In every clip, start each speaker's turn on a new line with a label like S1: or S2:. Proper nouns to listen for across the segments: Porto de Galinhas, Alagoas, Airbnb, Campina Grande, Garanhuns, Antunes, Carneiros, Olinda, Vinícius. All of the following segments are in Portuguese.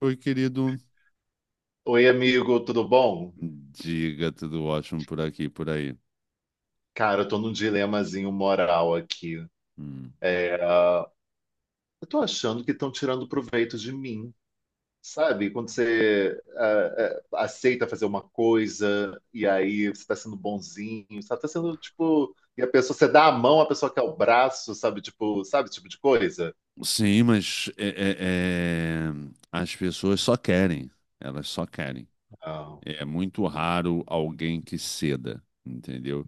S1: Oi, querido.
S2: Oi, amigo, tudo bom?
S1: Diga, tudo ótimo por aqui, por aí.
S2: Cara, eu tô num dilemazinho moral aqui.
S1: Hum.
S2: É, eu tô achando que estão tirando proveito de mim, sabe? Quando você aceita fazer uma coisa e aí você tá sendo bonzinho, sabe? Tá sendo tipo. E a pessoa, você dá a mão, a pessoa quer o braço, sabe? Tipo, sabe esse tipo de coisa?
S1: Sim, mas as pessoas só querem, elas só querem.
S2: Não.
S1: É muito raro alguém que ceda, entendeu?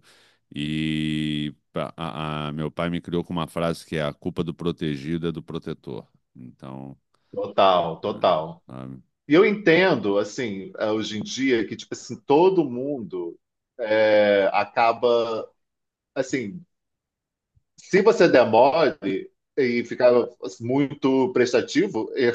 S1: Meu pai me criou com uma frase que é a culpa do protegido é do protetor. Então,
S2: Total,
S1: né,
S2: total.
S1: sabe?
S2: E eu entendo, assim, hoje em dia, que, tipo assim, todo mundo acaba. Assim, se você demore e ficar muito prestativo,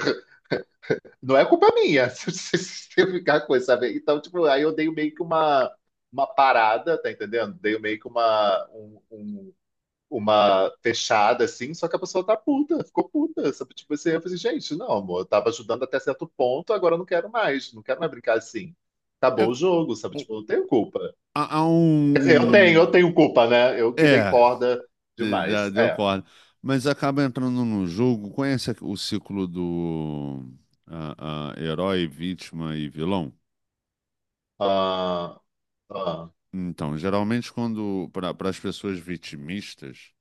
S2: não é culpa minha se eu ficar com isso, sabe? Então, tipo, aí eu dei meio que uma parada, tá entendendo? Dei meio que uma fechada, assim, só que a pessoa tá puta, ficou puta, sabe? Tipo, assim, eu falei, gente, não, amor, eu tava ajudando até certo ponto, agora eu não quero mais, não quero mais brincar assim.
S1: É,
S2: Acabou o jogo, sabe?
S1: o-
S2: Tipo, eu não tenho culpa.
S1: há há
S2: Quer dizer, eu tenho, eu
S1: um,
S2: tenho
S1: um-
S2: culpa, né? Eu que dei
S1: É,
S2: corda demais.
S1: deu
S2: É.
S1: corda. Mas acaba entrando num jogo. O ciclo do herói, vítima e vilão?
S2: Ah, Ah,
S1: Então, geralmente, quando para as pessoas vitimistas,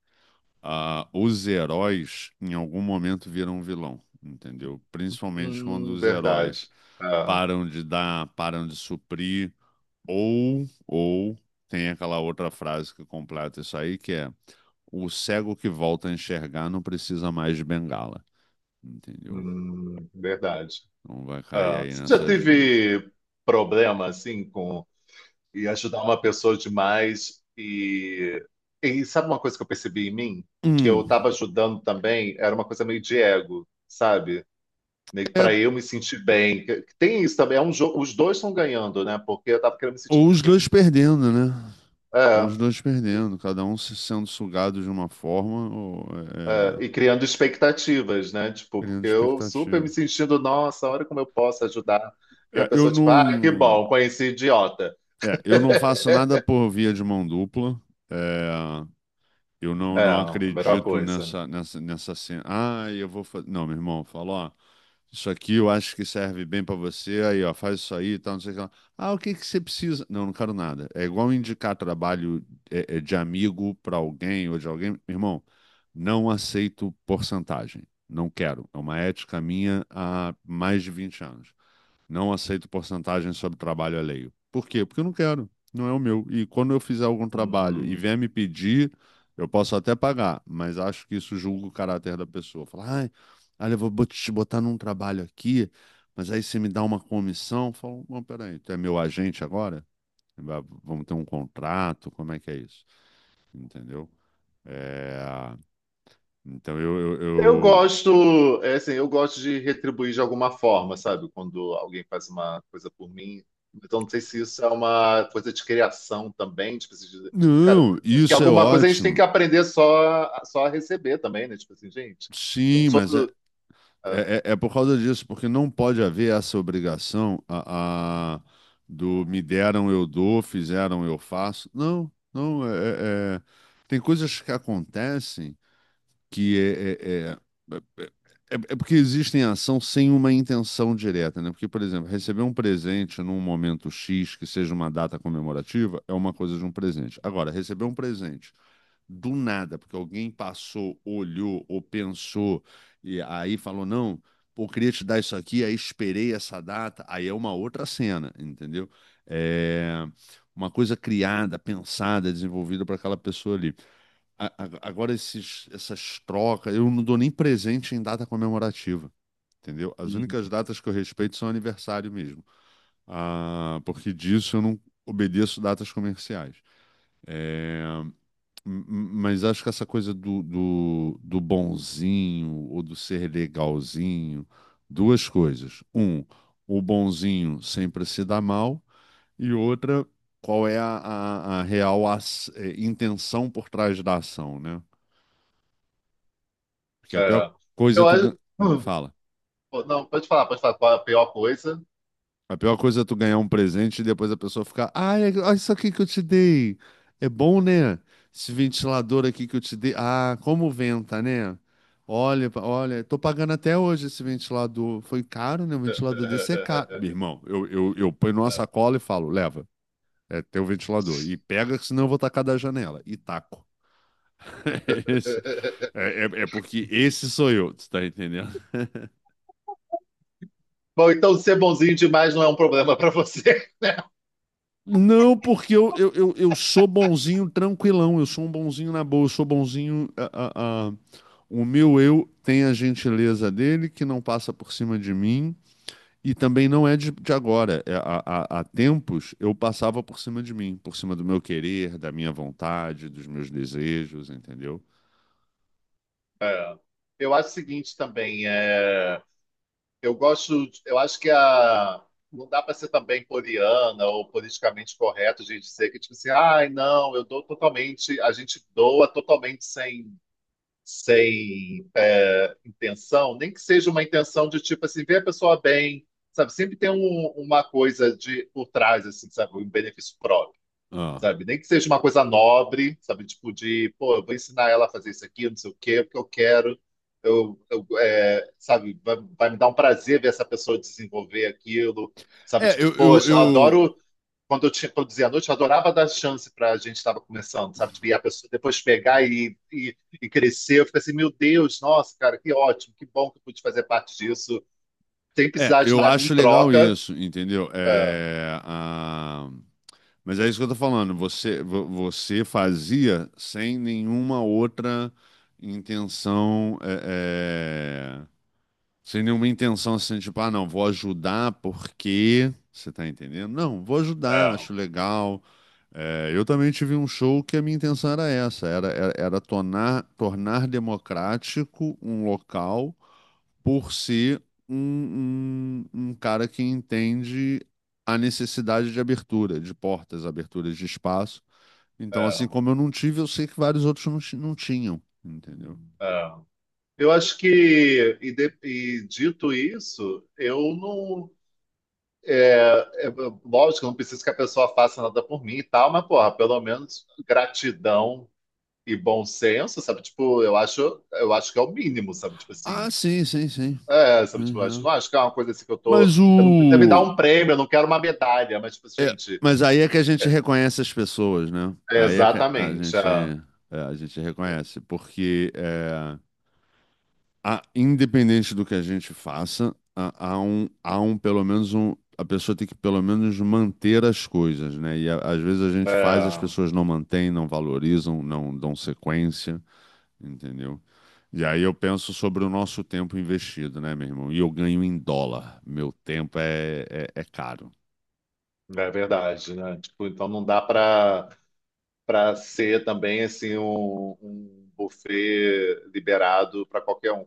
S1: os heróis em algum momento viram vilão, entendeu? Principalmente quando os heróis
S2: verdade. Ah,
S1: param de dar, param de suprir, ou tem aquela outra frase que completa isso aí, que é o cego que volta a enxergar não precisa mais de bengala. Entendeu?
S2: verdade.
S1: Então vai cair
S2: Ah,
S1: aí
S2: você já
S1: nessas duas.
S2: teve problema assim com e ajudar uma pessoa demais e sabe uma coisa que eu percebi em mim? Que eu
S1: Hum,
S2: estava ajudando também, era uma coisa meio de ego, sabe? Meio que
S1: é,
S2: para eu me sentir bem. Que tem isso também, é um jogo, os dois estão ganhando, né? Porque eu tava querendo me sentir
S1: ou os dois
S2: também.
S1: perdendo, né? Ou
S2: É.
S1: os dois perdendo, cada um se sendo sugado de uma forma ou
S2: É,
S1: é,
S2: e criando expectativas, né? Tipo,
S1: criando
S2: porque eu super me
S1: expectativa.
S2: sentindo, nossa, olha como eu posso ajudar. E a
S1: É, eu
S2: pessoa, tipo, ah, que
S1: não,
S2: bom, conheci idiota.
S1: é, eu não faço nada por via de mão dupla. É, eu não,
S2: É,
S1: Não
S2: a melhor
S1: acredito
S2: coisa.
S1: nessa cena. Ah, eu vou fazer. Não, meu irmão, falou, ó, isso aqui eu acho que serve bem para você. Aí, ó, faz isso aí e tal, não sei o que lá. Ah, o que que você precisa? Não, não quero nada. É igual indicar trabalho de amigo para alguém ou de alguém. Irmão, não aceito porcentagem. Não quero. É uma ética minha há mais de 20 anos. Não aceito porcentagem sobre trabalho alheio. Por quê? Porque eu não quero, não é o meu. E quando eu fizer algum trabalho e
S2: Uhum.
S1: vier me pedir, eu posso até pagar, mas acho que isso julga o caráter da pessoa. Falar, ai, olha, eu vou te botar num trabalho aqui, mas aí você me dá uma comissão. Eu falo, não, peraí, tu é meu agente agora? Vamos ter um contrato? Como é que é isso? Entendeu? É, Então eu, eu,
S2: Eu
S1: eu-
S2: gosto, é assim, eu gosto de retribuir de alguma forma, sabe? Quando alguém faz uma coisa por mim. Então, não sei se isso é uma coisa de criação também, tipo assim, cara,
S1: Não,
S2: que
S1: isso é
S2: alguma coisa a gente tem
S1: ótimo.
S2: que aprender só a receber também, né? Tipo assim, gente, eu
S1: Sim,
S2: sou.
S1: mas É, é, é por causa disso, porque não pode haver essa obrigação do me deram, eu dou, fizeram, eu faço. Não, não. É- é- Tem coisas que acontecem que é, é- é- é- é é porque existem ação sem uma intenção direta, né? Porque, por exemplo, receber um presente num momento X, que seja uma data comemorativa, é uma coisa de um presente. Agora, receber um presente do nada, porque alguém passou, olhou ou pensou e aí falou: não, pô, queria te dar isso aqui, aí esperei essa data, aí é uma outra cena, entendeu? É uma coisa criada, pensada, desenvolvida para aquela pessoa ali. Agora, essas trocas, eu não dou nem presente em data comemorativa. Entendeu? As únicas
S2: Ah,
S1: datas que eu respeito são aniversário mesmo. Ah, porque disso eu não obedeço datas comerciais. É, M- Mas acho que essa coisa do, do, do bonzinho ou do ser legalzinho, duas coisas. Um, o bonzinho sempre se dá mal, e outra, qual é a real intenção por trás da ação, né? Porque a pior
S2: é.
S1: coisa é
S2: Eu acho.
S1: hum,
S2: Hum.
S1: fala.
S2: Pô, não, pode falar qual é a pior coisa.
S1: A pior coisa é tu ganhar um presente e depois a pessoa ficar, ah, é- olha isso aqui que eu te dei. É bom, né? Esse ventilador aqui que eu te dei. Ah, como venta, né? Olha, olha, tô pagando até hoje esse ventilador. Foi caro, né? Um ventilador desse é caro. Meu irmão, eu ponho numa sacola e falo, leva, é teu ventilador. E pega, que senão eu vou tacar da janela. E taco. Esse- É porque esse sou eu, tu tá entendendo?
S2: Bom, então ser bonzinho demais não é um problema para você.
S1: Não, porque eu sou bonzinho tranquilão, eu sou um bonzinho na boa, eu sou bonzinho. O meu eu tem a gentileza dele, que não passa por cima de mim, e também não é de agora. É, há tempos eu passava por cima de mim, por cima do meu querer, da minha vontade, dos meus desejos, entendeu?
S2: É. Eu acho o seguinte também, eu acho que não dá para ser também poliana ou politicamente correto de dizer que tipo assim, ai não, eu dou totalmente, a gente doa totalmente sem, intenção, nem que seja uma intenção de tipo assim, ver a pessoa bem, sabe? Sempre tem uma coisa de por trás, assim, sabe? Um benefício próprio,
S1: Ah.
S2: sabe? Nem que seja uma coisa nobre, sabe? Tipo de, pô, eu vou ensinar ela a fazer isso aqui, não sei o quê, porque eu quero, sabe? Vai me dar um prazer ver essa pessoa desenvolver aquilo, sabe?
S1: É,
S2: Tipo,
S1: eu, eu,
S2: poxa, eu
S1: eu-
S2: adoro quando eu tinha produzia à noite, eu adorava dar chance para a gente estava começando, sabe? Tipo, e a pessoa depois pegar e crescer. Eu fico assim, meu Deus, nossa, cara, que ótimo, que bom que eu pude fazer parte disso, sem precisar de
S1: eu
S2: nada em
S1: acho legal
S2: troca.
S1: isso, entendeu?
S2: É,
S1: Mas é isso que eu tô falando. Você fazia sem nenhuma outra intenção, sem nenhuma intenção assim, tipo, ah, não, vou ajudar porque. Você tá entendendo? Não, vou ajudar,
S2: é,
S1: acho legal. É, eu também tive um show que a minha intenção era essa, era tornar, tornar democrático um local por ser um cara que entende a necessidade de abertura, de portas, aberturas de espaço. Então, assim
S2: é,
S1: como eu não tive, eu sei que vários outros não, não tinham, entendeu?
S2: é. Eu acho que, e dito isso, eu não. É, lógico, eu não preciso que a pessoa faça nada por mim e tal, mas, porra, pelo menos gratidão e bom senso, sabe? Tipo, eu acho que é o mínimo, sabe? Tipo
S1: Ah,
S2: assim,
S1: sim, sim, sim.
S2: é, sabe, tipo, eu
S1: Uhum.
S2: não acho que é uma coisa assim que eu tô.
S1: Mas
S2: Eu não precisa me dar
S1: o.
S2: um prêmio, eu não quero uma medalha, mas, tipo,
S1: É,
S2: gente,
S1: mas aí é que a gente reconhece as pessoas, né?
S2: é
S1: Aí é que a
S2: exatamente.
S1: gente, é, a gente reconhece, porque é, independente do que a gente faça, há um, pelo menos um, a pessoa tem que pelo menos manter as coisas, né? Às vezes a gente faz, as
S2: É,
S1: pessoas não mantêm, não valorizam, não dão sequência, entendeu? E aí eu penso sobre o nosso tempo investido, né, meu irmão? E eu ganho em dólar. Meu tempo é, é caro.
S2: é verdade, né? Tipo, então não dá para ser também assim um buffet liberado para qualquer um.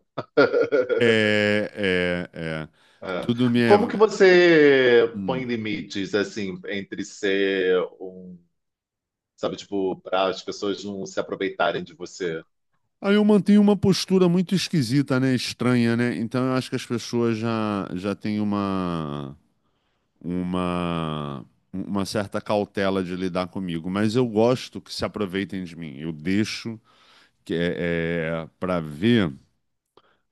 S1: É, é, é.
S2: É.
S1: Tudo me é.
S2: Como que você põe
S1: Hum.
S2: limites assim entre ser um, sabe, tipo, para as pessoas não se aproveitarem de você?
S1: Aí eu mantenho uma postura muito esquisita, né? Estranha, né? Então eu acho que as pessoas já têm uma, uma certa cautela de lidar comigo. Mas eu gosto que se aproveitem de mim. Eu deixo para ver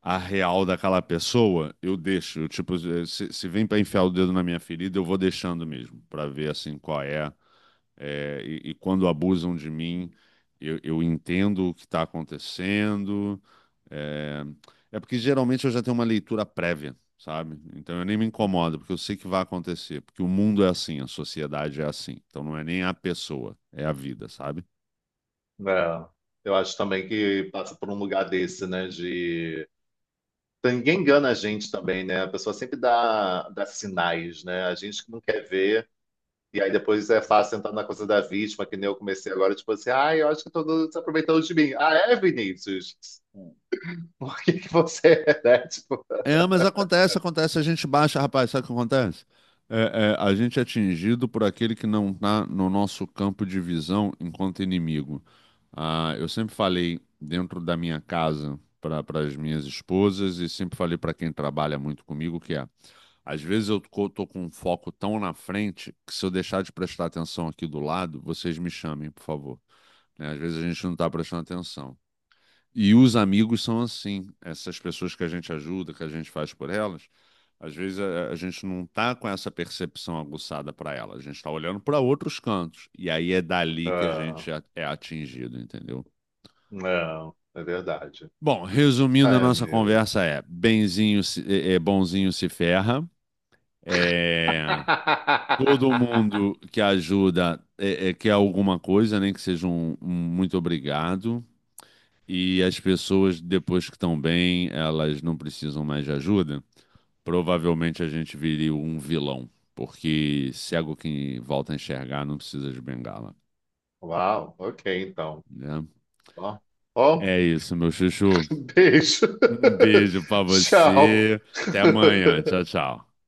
S1: a real daquela pessoa, eu deixo. Eu, tipo, se vem para enfiar o dedo na minha ferida, eu vou deixando mesmo, para ver assim qual é, é, e quando abusam de mim, eu entendo o que está acontecendo. É, é porque geralmente eu já tenho uma leitura prévia, sabe? Então eu nem me incomodo, porque eu sei que vai acontecer, porque o mundo é assim, a sociedade é assim. Então não é nem a pessoa, é a vida, sabe?
S2: É. Eu acho também que passa por um lugar desse, né? De Então, ninguém engana a gente também, né? A pessoa sempre dá sinais, né? A gente que não quer ver. E aí depois é fácil entrar na coisa da vítima, que nem eu comecei agora, tipo assim, eu acho que todo mundo se aproveitando de mim. Ah, é, Vinícius? Por que que você é, né? Tipo,
S1: É, mas acontece, acontece, a gente baixa, rapaz, sabe o que acontece? A gente é atingido por aquele que não está no nosso campo de visão enquanto inimigo. Ah, eu sempre falei dentro da minha casa para as minhas esposas e sempre falei para quem trabalha muito comigo que é às vezes eu tô com um foco tão na frente que se eu deixar de prestar atenção aqui do lado, vocês me chamem, por favor. Né? Às vezes a gente não tá prestando atenção. E os amigos são assim, essas pessoas que a gente ajuda, que a gente faz por elas, às vezes a gente não tá com essa percepção aguçada para ela, a gente tá olhando para outros cantos. E aí é dali que a gente
S2: não,
S1: é atingido, entendeu?
S2: não, é verdade.
S1: Bom, resumindo a
S2: Ai,
S1: nossa
S2: amigo.
S1: conversa é, benzinho é, é bonzinho se ferra. É, todo mundo que ajuda é, quer alguma coisa, nem que seja um, um muito obrigado. E as pessoas, depois que estão bem, elas não precisam mais de ajuda. Provavelmente a gente viria um vilão, porque cego que volta a enxergar não precisa de bengala,
S2: Uau, ok, então.
S1: né?
S2: Ó, ó,
S1: É isso, meu chuchu.
S2: beijo.
S1: Um beijo pra
S2: Tchau.
S1: você. Até amanhã. Tchau, tchau.